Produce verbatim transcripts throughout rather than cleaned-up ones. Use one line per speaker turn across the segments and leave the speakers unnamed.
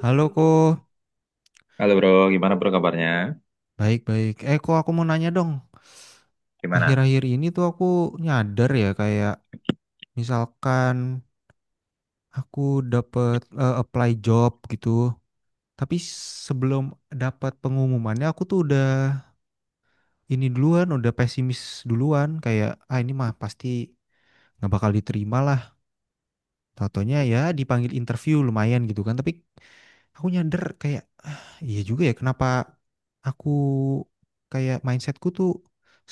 Halo Ko,
Halo bro, gimana bro kabarnya?
baik-baik. Eh Ko, aku mau nanya dong.
Gimana?
Akhir-akhir ini tuh aku nyadar ya kayak misalkan aku dapet eh, apply job gitu. Tapi sebelum dapat pengumumannya aku tuh udah ini duluan, udah pesimis duluan. Kayak, ah, ini mah pasti nggak bakal diterima lah. Tau-taunya ya dipanggil interview lumayan gitu kan. Tapi aku nyadar kayak, "Ah, iya juga ya, kenapa aku kayak mindsetku tuh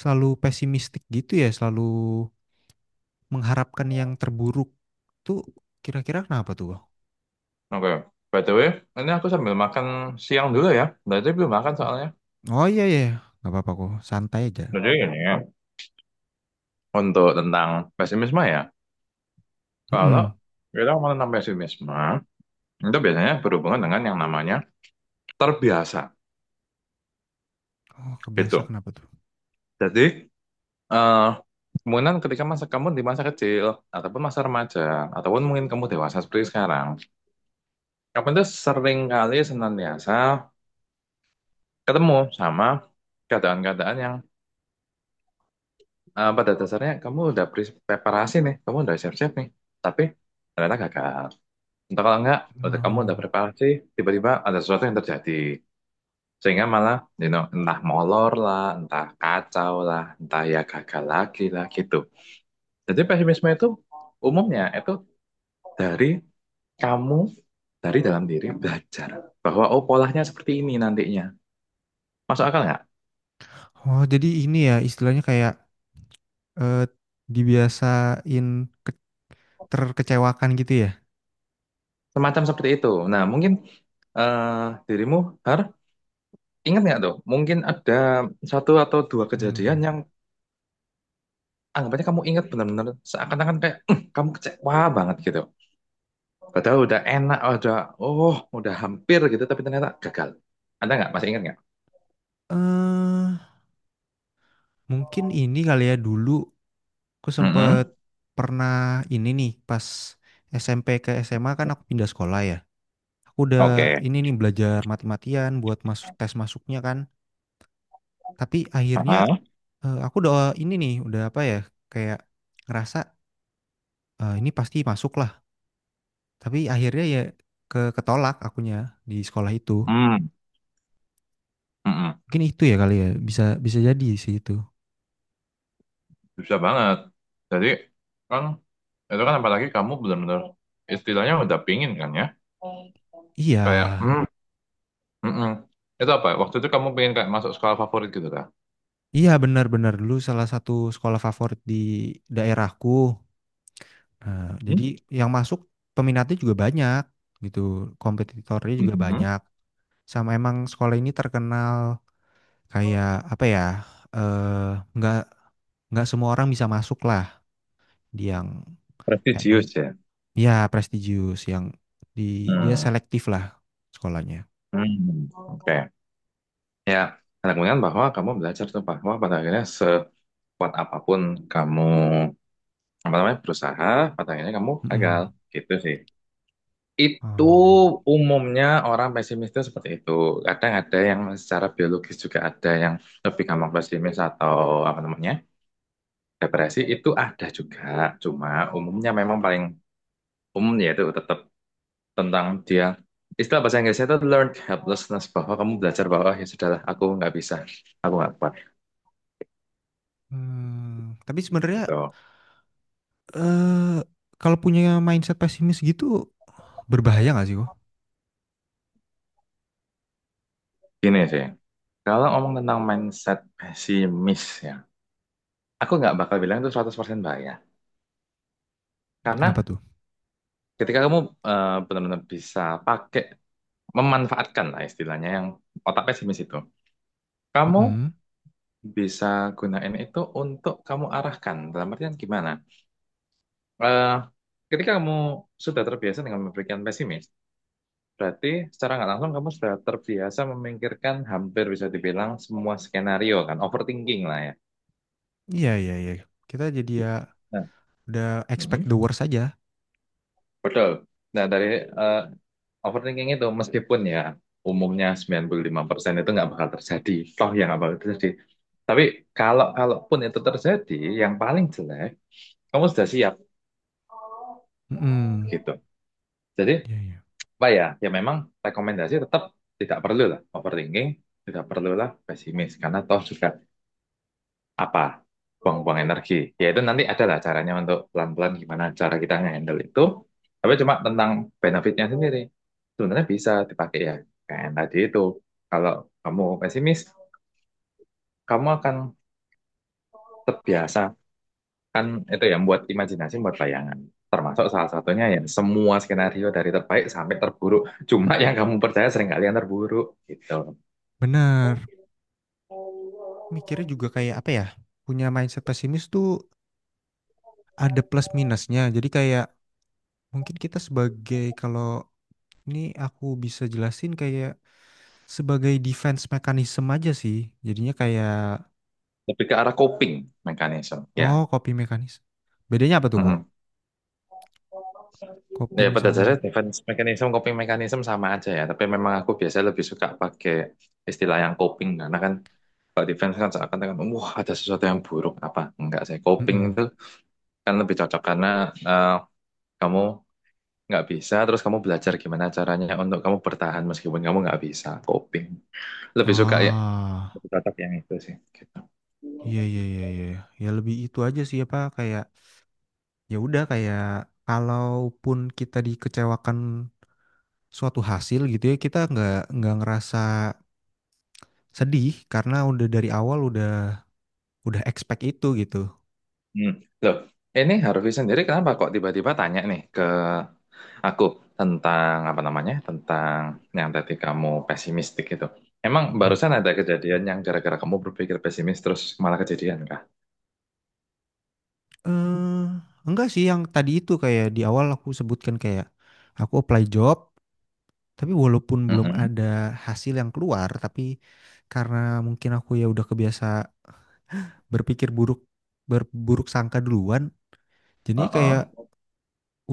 selalu pesimistik gitu ya, selalu mengharapkan yang terburuk tuh. Kira-kira kenapa tuh?"
Oke, by the way, ini aku sambil makan siang dulu ya. Dari belum makan soalnya.
Oh, iya, iya, nggak apa-apa kok, santai aja.
Jadi ini ya, untuk tentang pesimisme ya. Kalau
Mm-mm.
kita mau tentang pesimisme, itu biasanya berhubungan dengan yang namanya terbiasa
Oh, kebiasa,
gitu.
kenapa tuh?
Jadi, eh kemungkinan ketika masa kamu di masa kecil, ataupun masa remaja, ataupun mungkin kamu dewasa seperti sekarang, kamu itu sering kali senantiasa ketemu sama keadaan-keadaan yang eh, pada dasarnya kamu udah pre- preparasi nih, kamu udah siap-siap nih, tapi ternyata gagal. Entah kalau enggak, udah kamu
Oh.
udah preparasi, tiba-tiba ada sesuatu yang terjadi. Sehingga malah, you know, entah molor lah, entah kacau lah, entah ya gagal lagi lah gitu. Jadi pesimisme itu umumnya itu dari kamu, dari dalam diri belajar. Bahwa oh polanya seperti ini nantinya. Masuk akal nggak?
Oh, jadi ini ya istilahnya kayak, eh, dibiasain ke- terkecewakan gitu ya.
Semacam seperti itu. Nah mungkin eh dirimu, Har, ingat nggak tuh? Mungkin ada satu atau dua kejadian
hmm
yang anggapannya kamu ingat benar-benar seakan-akan kayak, "Eh, kamu kecewa banget gitu. Padahal udah enak, udah oh udah hampir gitu, tapi ternyata gagal." Ada nggak? Masih ingat nggak?
eh mungkin ini kali ya dulu aku sempet
Mm-mm.
pernah ini nih pas S M P ke S M A kan aku pindah sekolah ya. Aku udah
Oke.
ini nih belajar mati-matian buat masuk tes masuknya kan. Tapi akhirnya
Heeh.
eh, aku udah ini nih udah apa ya kayak ngerasa, eh, ini pasti masuk lah. Tapi akhirnya ya ke ketolak akunya di sekolah itu.
Hmm. Mm-mm.
Mungkin itu ya kali ya bisa bisa jadi sih itu.
Bisa banget. Jadi kan itu kan apalagi kamu benar-benar istilahnya udah pingin kan ya.
Iya,
Kayak hmm, mm-mm. Itu apa? Waktu itu kamu pengen kayak masuk sekolah favorit gitu kan?
iya benar-benar dulu salah satu sekolah favorit di daerahku. Nah,
Hmm?
jadi yang masuk peminatnya juga banyak gitu, kompetitornya juga
Mm-mm.
banyak. Sama emang sekolah ini terkenal kayak apa ya? Eh, nggak nggak semua orang bisa masuk lah. Dia yang emang
Prestisius ya.
ya prestigious yang di dia
Hmm.
selektif lah sekolahnya.
Hmm, oke. Ya, kemungkinan bahwa kamu belajar tuh bahwa pada akhirnya sekuat apapun kamu apa namanya berusaha, pada akhirnya kamu gagal.
Mm-mm.
Gitu sih. Itu
Oh.
umumnya orang pesimis itu seperti itu. Kadang ada yang secara biologis juga ada yang lebih gampang pesimis atau apa namanya depresi itu ada juga. Cuma umumnya memang paling umum yaitu tetap tentang dia, istilah bahasa Inggrisnya itu learned helplessness, bahwa kamu belajar bahwa ya sudahlah aku nggak bisa, aku nggak kuat.
Hmm, tapi sebenarnya,
Gitu.
eh kalau punya mindset pesimis gitu berbahaya nggak sih kok?
Gini sih, kalau ngomong tentang mindset pesimis ya, aku nggak bakal bilang itu seratus persen bahaya.
Kenapa
Karena
tuh?
ketika kamu eh, benar-benar bisa pakai, memanfaatkan lah istilahnya yang otak pesimis itu, kamu
Mm-mm.
bisa gunain itu untuk kamu arahkan. Dalam artian gimana? Eh, ketika kamu sudah terbiasa dengan memberikan pesimis, berarti secara nggak langsung kamu sudah terbiasa memikirkan hampir bisa dibilang semua skenario kan, overthinking lah ya.
Iya iya iya. Kita jadi ya.
Nah,
Udah expect
mm
the worst aja.
betul. Nah, dari eh, overthinking itu meskipun ya umumnya sembilan puluh lima persen itu nggak bakal terjadi, toh yang nggak bakal terjadi. Tapi kalau kalaupun itu terjadi, yang paling jelek, kamu sudah siap
Mhm,
gitu. Jadi,
iya iya,
apa ya? Ya memang rekomendasi tetap tidak perlu lah overthinking, tidak perlulah pesimis karena toh juga apa buang-buang energi, ya itu nanti ada lah caranya untuk pelan-pelan gimana cara kita nge-handle itu. Tapi cuma tentang benefitnya sendiri sebenarnya bisa dipakai ya, kayak yang tadi itu, kalau kamu pesimis kamu akan terbiasa kan itu ya buat imajinasi buat bayangan, termasuk salah satunya ya semua skenario dari terbaik sampai terburuk, cuma yang kamu percaya seringkali yang terburuk gitu.
benar. Mikirnya juga kayak apa ya, punya mindset pesimis tuh ada plus minusnya. Jadi kayak mungkin kita sebagai kalau ini aku bisa jelasin kayak sebagai defense mechanism aja sih. Jadinya kayak,
Lebih ke arah coping mekanisme ya.
oh, coping mechanism. Bedanya apa tuh kok?
Mm-mm. Ya,
Coping
pada dasarnya
sama
defense mechanism, coping mechanism sama aja ya. Tapi memang aku biasanya lebih suka pakai istilah yang coping. Karena kan kalau defense kan seakan-akan, kan, wah ada sesuatu yang buruk. Apa? Enggak sih. Coping
mhm.
itu kan lebih cocok karena eh, kamu nggak bisa, terus kamu belajar gimana caranya untuk kamu bertahan meskipun kamu nggak bisa. Coping. Lebih suka ya.
Oh,
Lebih cocok yang itu sih.
iya iya iya iya. Ya lebih itu aja sih apa kayak ya udah kayak kalaupun kita dikecewakan suatu hasil gitu ya kita nggak nggak ngerasa sedih karena udah dari awal udah udah expect itu gitu.
Hmm. Loh, ini Harvey sendiri kenapa kok tiba-tiba tanya nih ke aku tentang apa namanya? Tentang yang tadi kamu pesimistik itu. Emang
Mm-mm.
barusan ada kejadian yang gara-gara kamu berpikir pesimis terus malah kejadian kah?
Eh, enggak sih, yang tadi itu kayak di awal aku sebutkan kayak aku apply job tapi walaupun belum
Mm-mm.
ada hasil yang keluar tapi karena mungkin aku ya udah kebiasa berpikir buruk, berburuk sangka duluan, jadi
Uh-uh.
kayak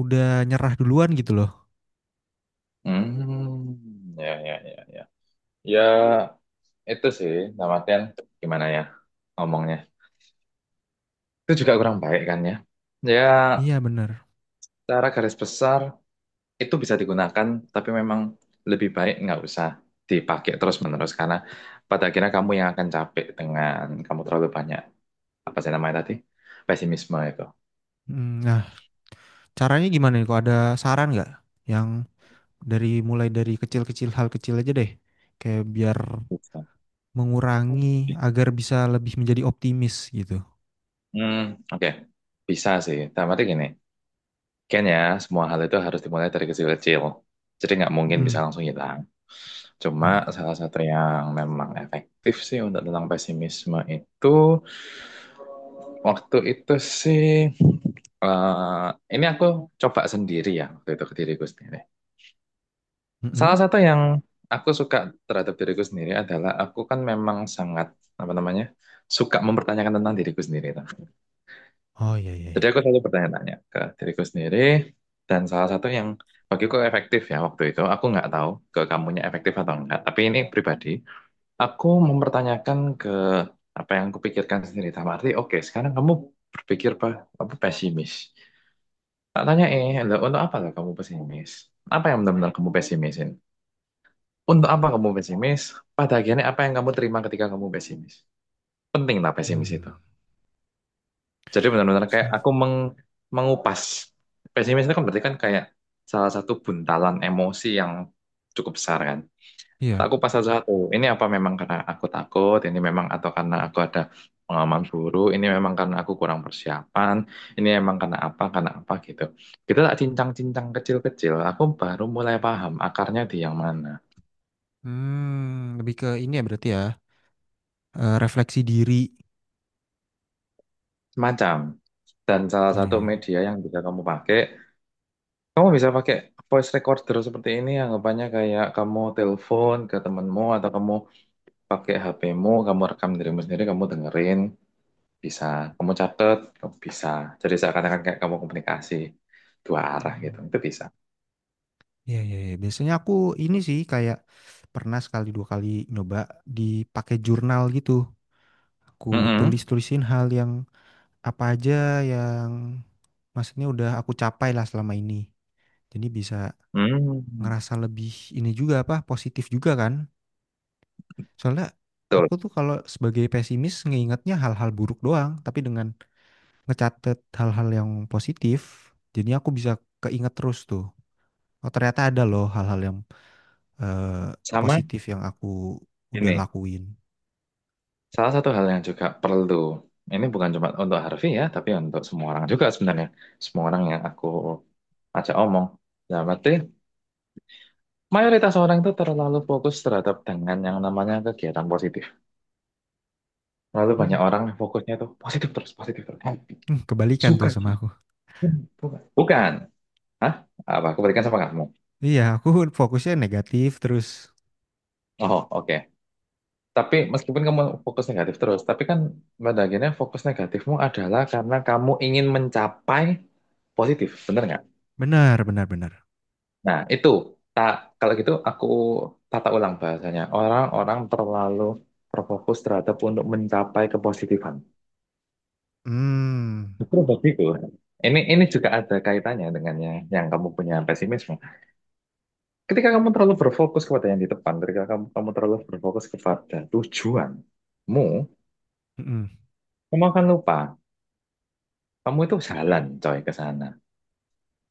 udah nyerah duluan gitu loh.
Hmm. Ya, ya, ya, ya. Ya, itu sih, dalam artian gimana ya ngomongnya. Itu juga kurang baik kan ya. Ya,
Iya bener.
secara garis besar itu bisa digunakan, tapi memang lebih baik nggak usah dipakai terus-menerus karena pada akhirnya kamu yang akan capek dengan kamu terlalu banyak apa sih namanya tadi pesimisme itu.
Mm. Nah, caranya gimana nih kok? Ada saran nggak yang, dari mulai dari kecil-kecil, hal kecil aja deh, kayak biar
Bisa.
mengurangi, agar bisa lebih menjadi optimis gitu.
Hmm, oke, bisa sih. Tapi arti gini, kayaknya semua hal itu harus dimulai dari kecil-kecil. Jadi nggak mungkin bisa
Mm.
langsung hilang. Cuma
Benar.
salah satu yang memang efektif sih untuk tentang pesimisme itu, waktu itu sih, eh, ini aku coba sendiri ya, waktu itu ke diriku sendiri. Salah
Mm-mm.
satu yang aku suka terhadap diriku sendiri adalah aku kan memang sangat, apa namanya, suka mempertanyakan tentang diriku sendiri. Tuh.
Oh iya iya
Jadi
iya.
aku selalu bertanya-tanya ke diriku sendiri, dan salah satu yang bagiku efektif ya waktu itu, aku nggak tahu ke kamunya efektif atau enggak, tapi ini pribadi, aku mempertanyakan ke apa yang kupikirkan sendiri. Dalam arti, oke, sekarang kamu berpikir apa, apa pesimis. Tak tanya eh, "Loh, untuk apa lah kamu pesimis? Apa yang benar-benar kamu pesimisin? Untuk apa kamu pesimis? Pada akhirnya apa yang kamu terima ketika kamu pesimis? Penting lah pesimis
Hmm.
itu?" Jadi benar-benar kayak
Self.
aku meng mengupas. Pesimis itu kan berarti kan kayak salah satu buntalan emosi yang cukup besar kan. Tak
Iya.
kupas satu-satu. Ini apa memang karena aku takut, ini memang atau karena aku ada pengalaman buruk, ini memang karena aku kurang persiapan, ini memang karena apa, karena apa gitu. Kita tak cincang-cincang kecil-kecil, aku baru mulai paham akarnya di yang mana.
Hmm, lebih ke ini ya berarti ya. eh, refleksi diri.
Macam. Dan salah
Iya
satu
iya. Iya.
media yang bisa kamu pakai, kamu bisa pakai voice recorder seperti ini, anggapannya kayak kamu telepon ke temenmu atau kamu pakai H P-mu, kamu rekam dirimu sendiri, kamu dengerin. Bisa kamu catat, kamu bisa jadi seakan-akan kayak kamu komunikasi dua arah gitu,
Hmm.
itu bisa.
Iya iya iya. Biasanya aku ini sih kayak pernah sekali dua kali nyoba dipakai jurnal gitu. Aku
Mm-mm.
tulis-tulisin hal yang apa aja yang maksudnya udah aku capai lah selama ini. Jadi bisa
Hmm,
ngerasa lebih ini juga apa, positif juga kan. Soalnya
betul.
aku tuh kalau sebagai pesimis ngeingetnya hal-hal buruk doang, tapi dengan ngecatet hal-hal yang positif, jadi aku bisa keinget terus tuh. Oh, ternyata ada loh hal-hal yang eh,
Sama,
positif yang aku udah
ini
lakuin.
salah satu hal yang juga perlu, ini bukan cuma untuk Harvey ya tapi untuk semua orang juga sebenarnya, semua orang yang aku ajak omong, dalam arti mayoritas orang itu terlalu fokus terhadap dengan yang namanya kegiatan positif, lalu
Hmm.
banyak orang yang fokusnya itu positif terus positif terus happy
Hmm, kebalikan
suka.
tuh sama aku.
Bukan, bukan. Hah? Apa aku berikan sama kamu.
Iya, aku fokusnya negatif terus.
Oh, oke. Tapi meskipun kamu fokus negatif terus, tapi kan pada akhirnya fokus negatifmu adalah karena kamu ingin mencapai positif, bener nggak?
Benar, benar, benar.
Nah, itu. Tak, kalau gitu aku tata ulang bahasanya. Orang-orang terlalu terfokus terhadap untuk mencapai kepositifan.
Hmm.
Justru begitu. Ini ini juga ada kaitannya dengan yang, yang kamu punya pesimisme. Ketika kamu terlalu berfokus kepada yang di depan, ketika kamu, kamu terlalu berfokus kepada tujuanmu,
Mhm.
kamu akan lupa. Kamu itu jalan coy ke sana.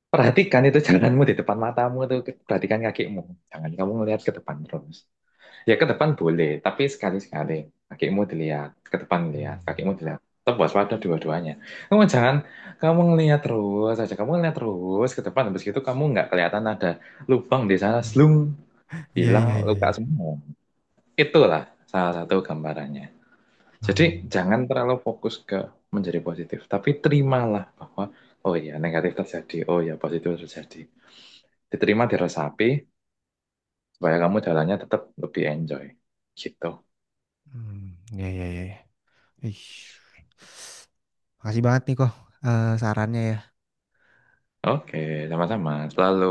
Perhatikan itu jalanmu di depan matamu tuh, perhatikan kakimu. Jangan kamu ngelihat ke depan terus. Ya ke depan boleh, tapi sekali-sekali kakimu dilihat, ke depan lihat, kakimu
Hmm.
dilihat. Tetap waspada dua-duanya. Kamu jangan kamu ngelihat terus aja, kamu ngelihat terus ke depan. Habis itu kamu nggak kelihatan ada lubang di sana, slung,
Iya, iya,
hilang
iya, iya.
luka semua. Itulah salah satu gambarannya. Jadi
Hmm.
jangan terlalu fokus ke menjadi positif, tapi terimalah bahwa oh ya negatif terjadi, oh ya positif terjadi. Diterima, diresapi, supaya kamu jalannya tetap lebih enjoy. Gitu.
Hmm. Iya, iya, iya. Iya. Ih. Makasih banget nih kok, eh, sarannya ya.
Oke, sama-sama. Selalu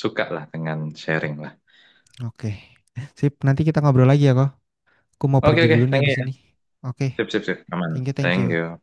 suka lah dengan sharing lah.
Oke. Sip, nanti kita ngobrol lagi ya kok. Aku mau
Oke,
pergi
oke,
dulu nih
thank you
abis
ya.
ini. Oke.
Sip, sip, sip. Aman.
Thank you, thank you.
Thank you.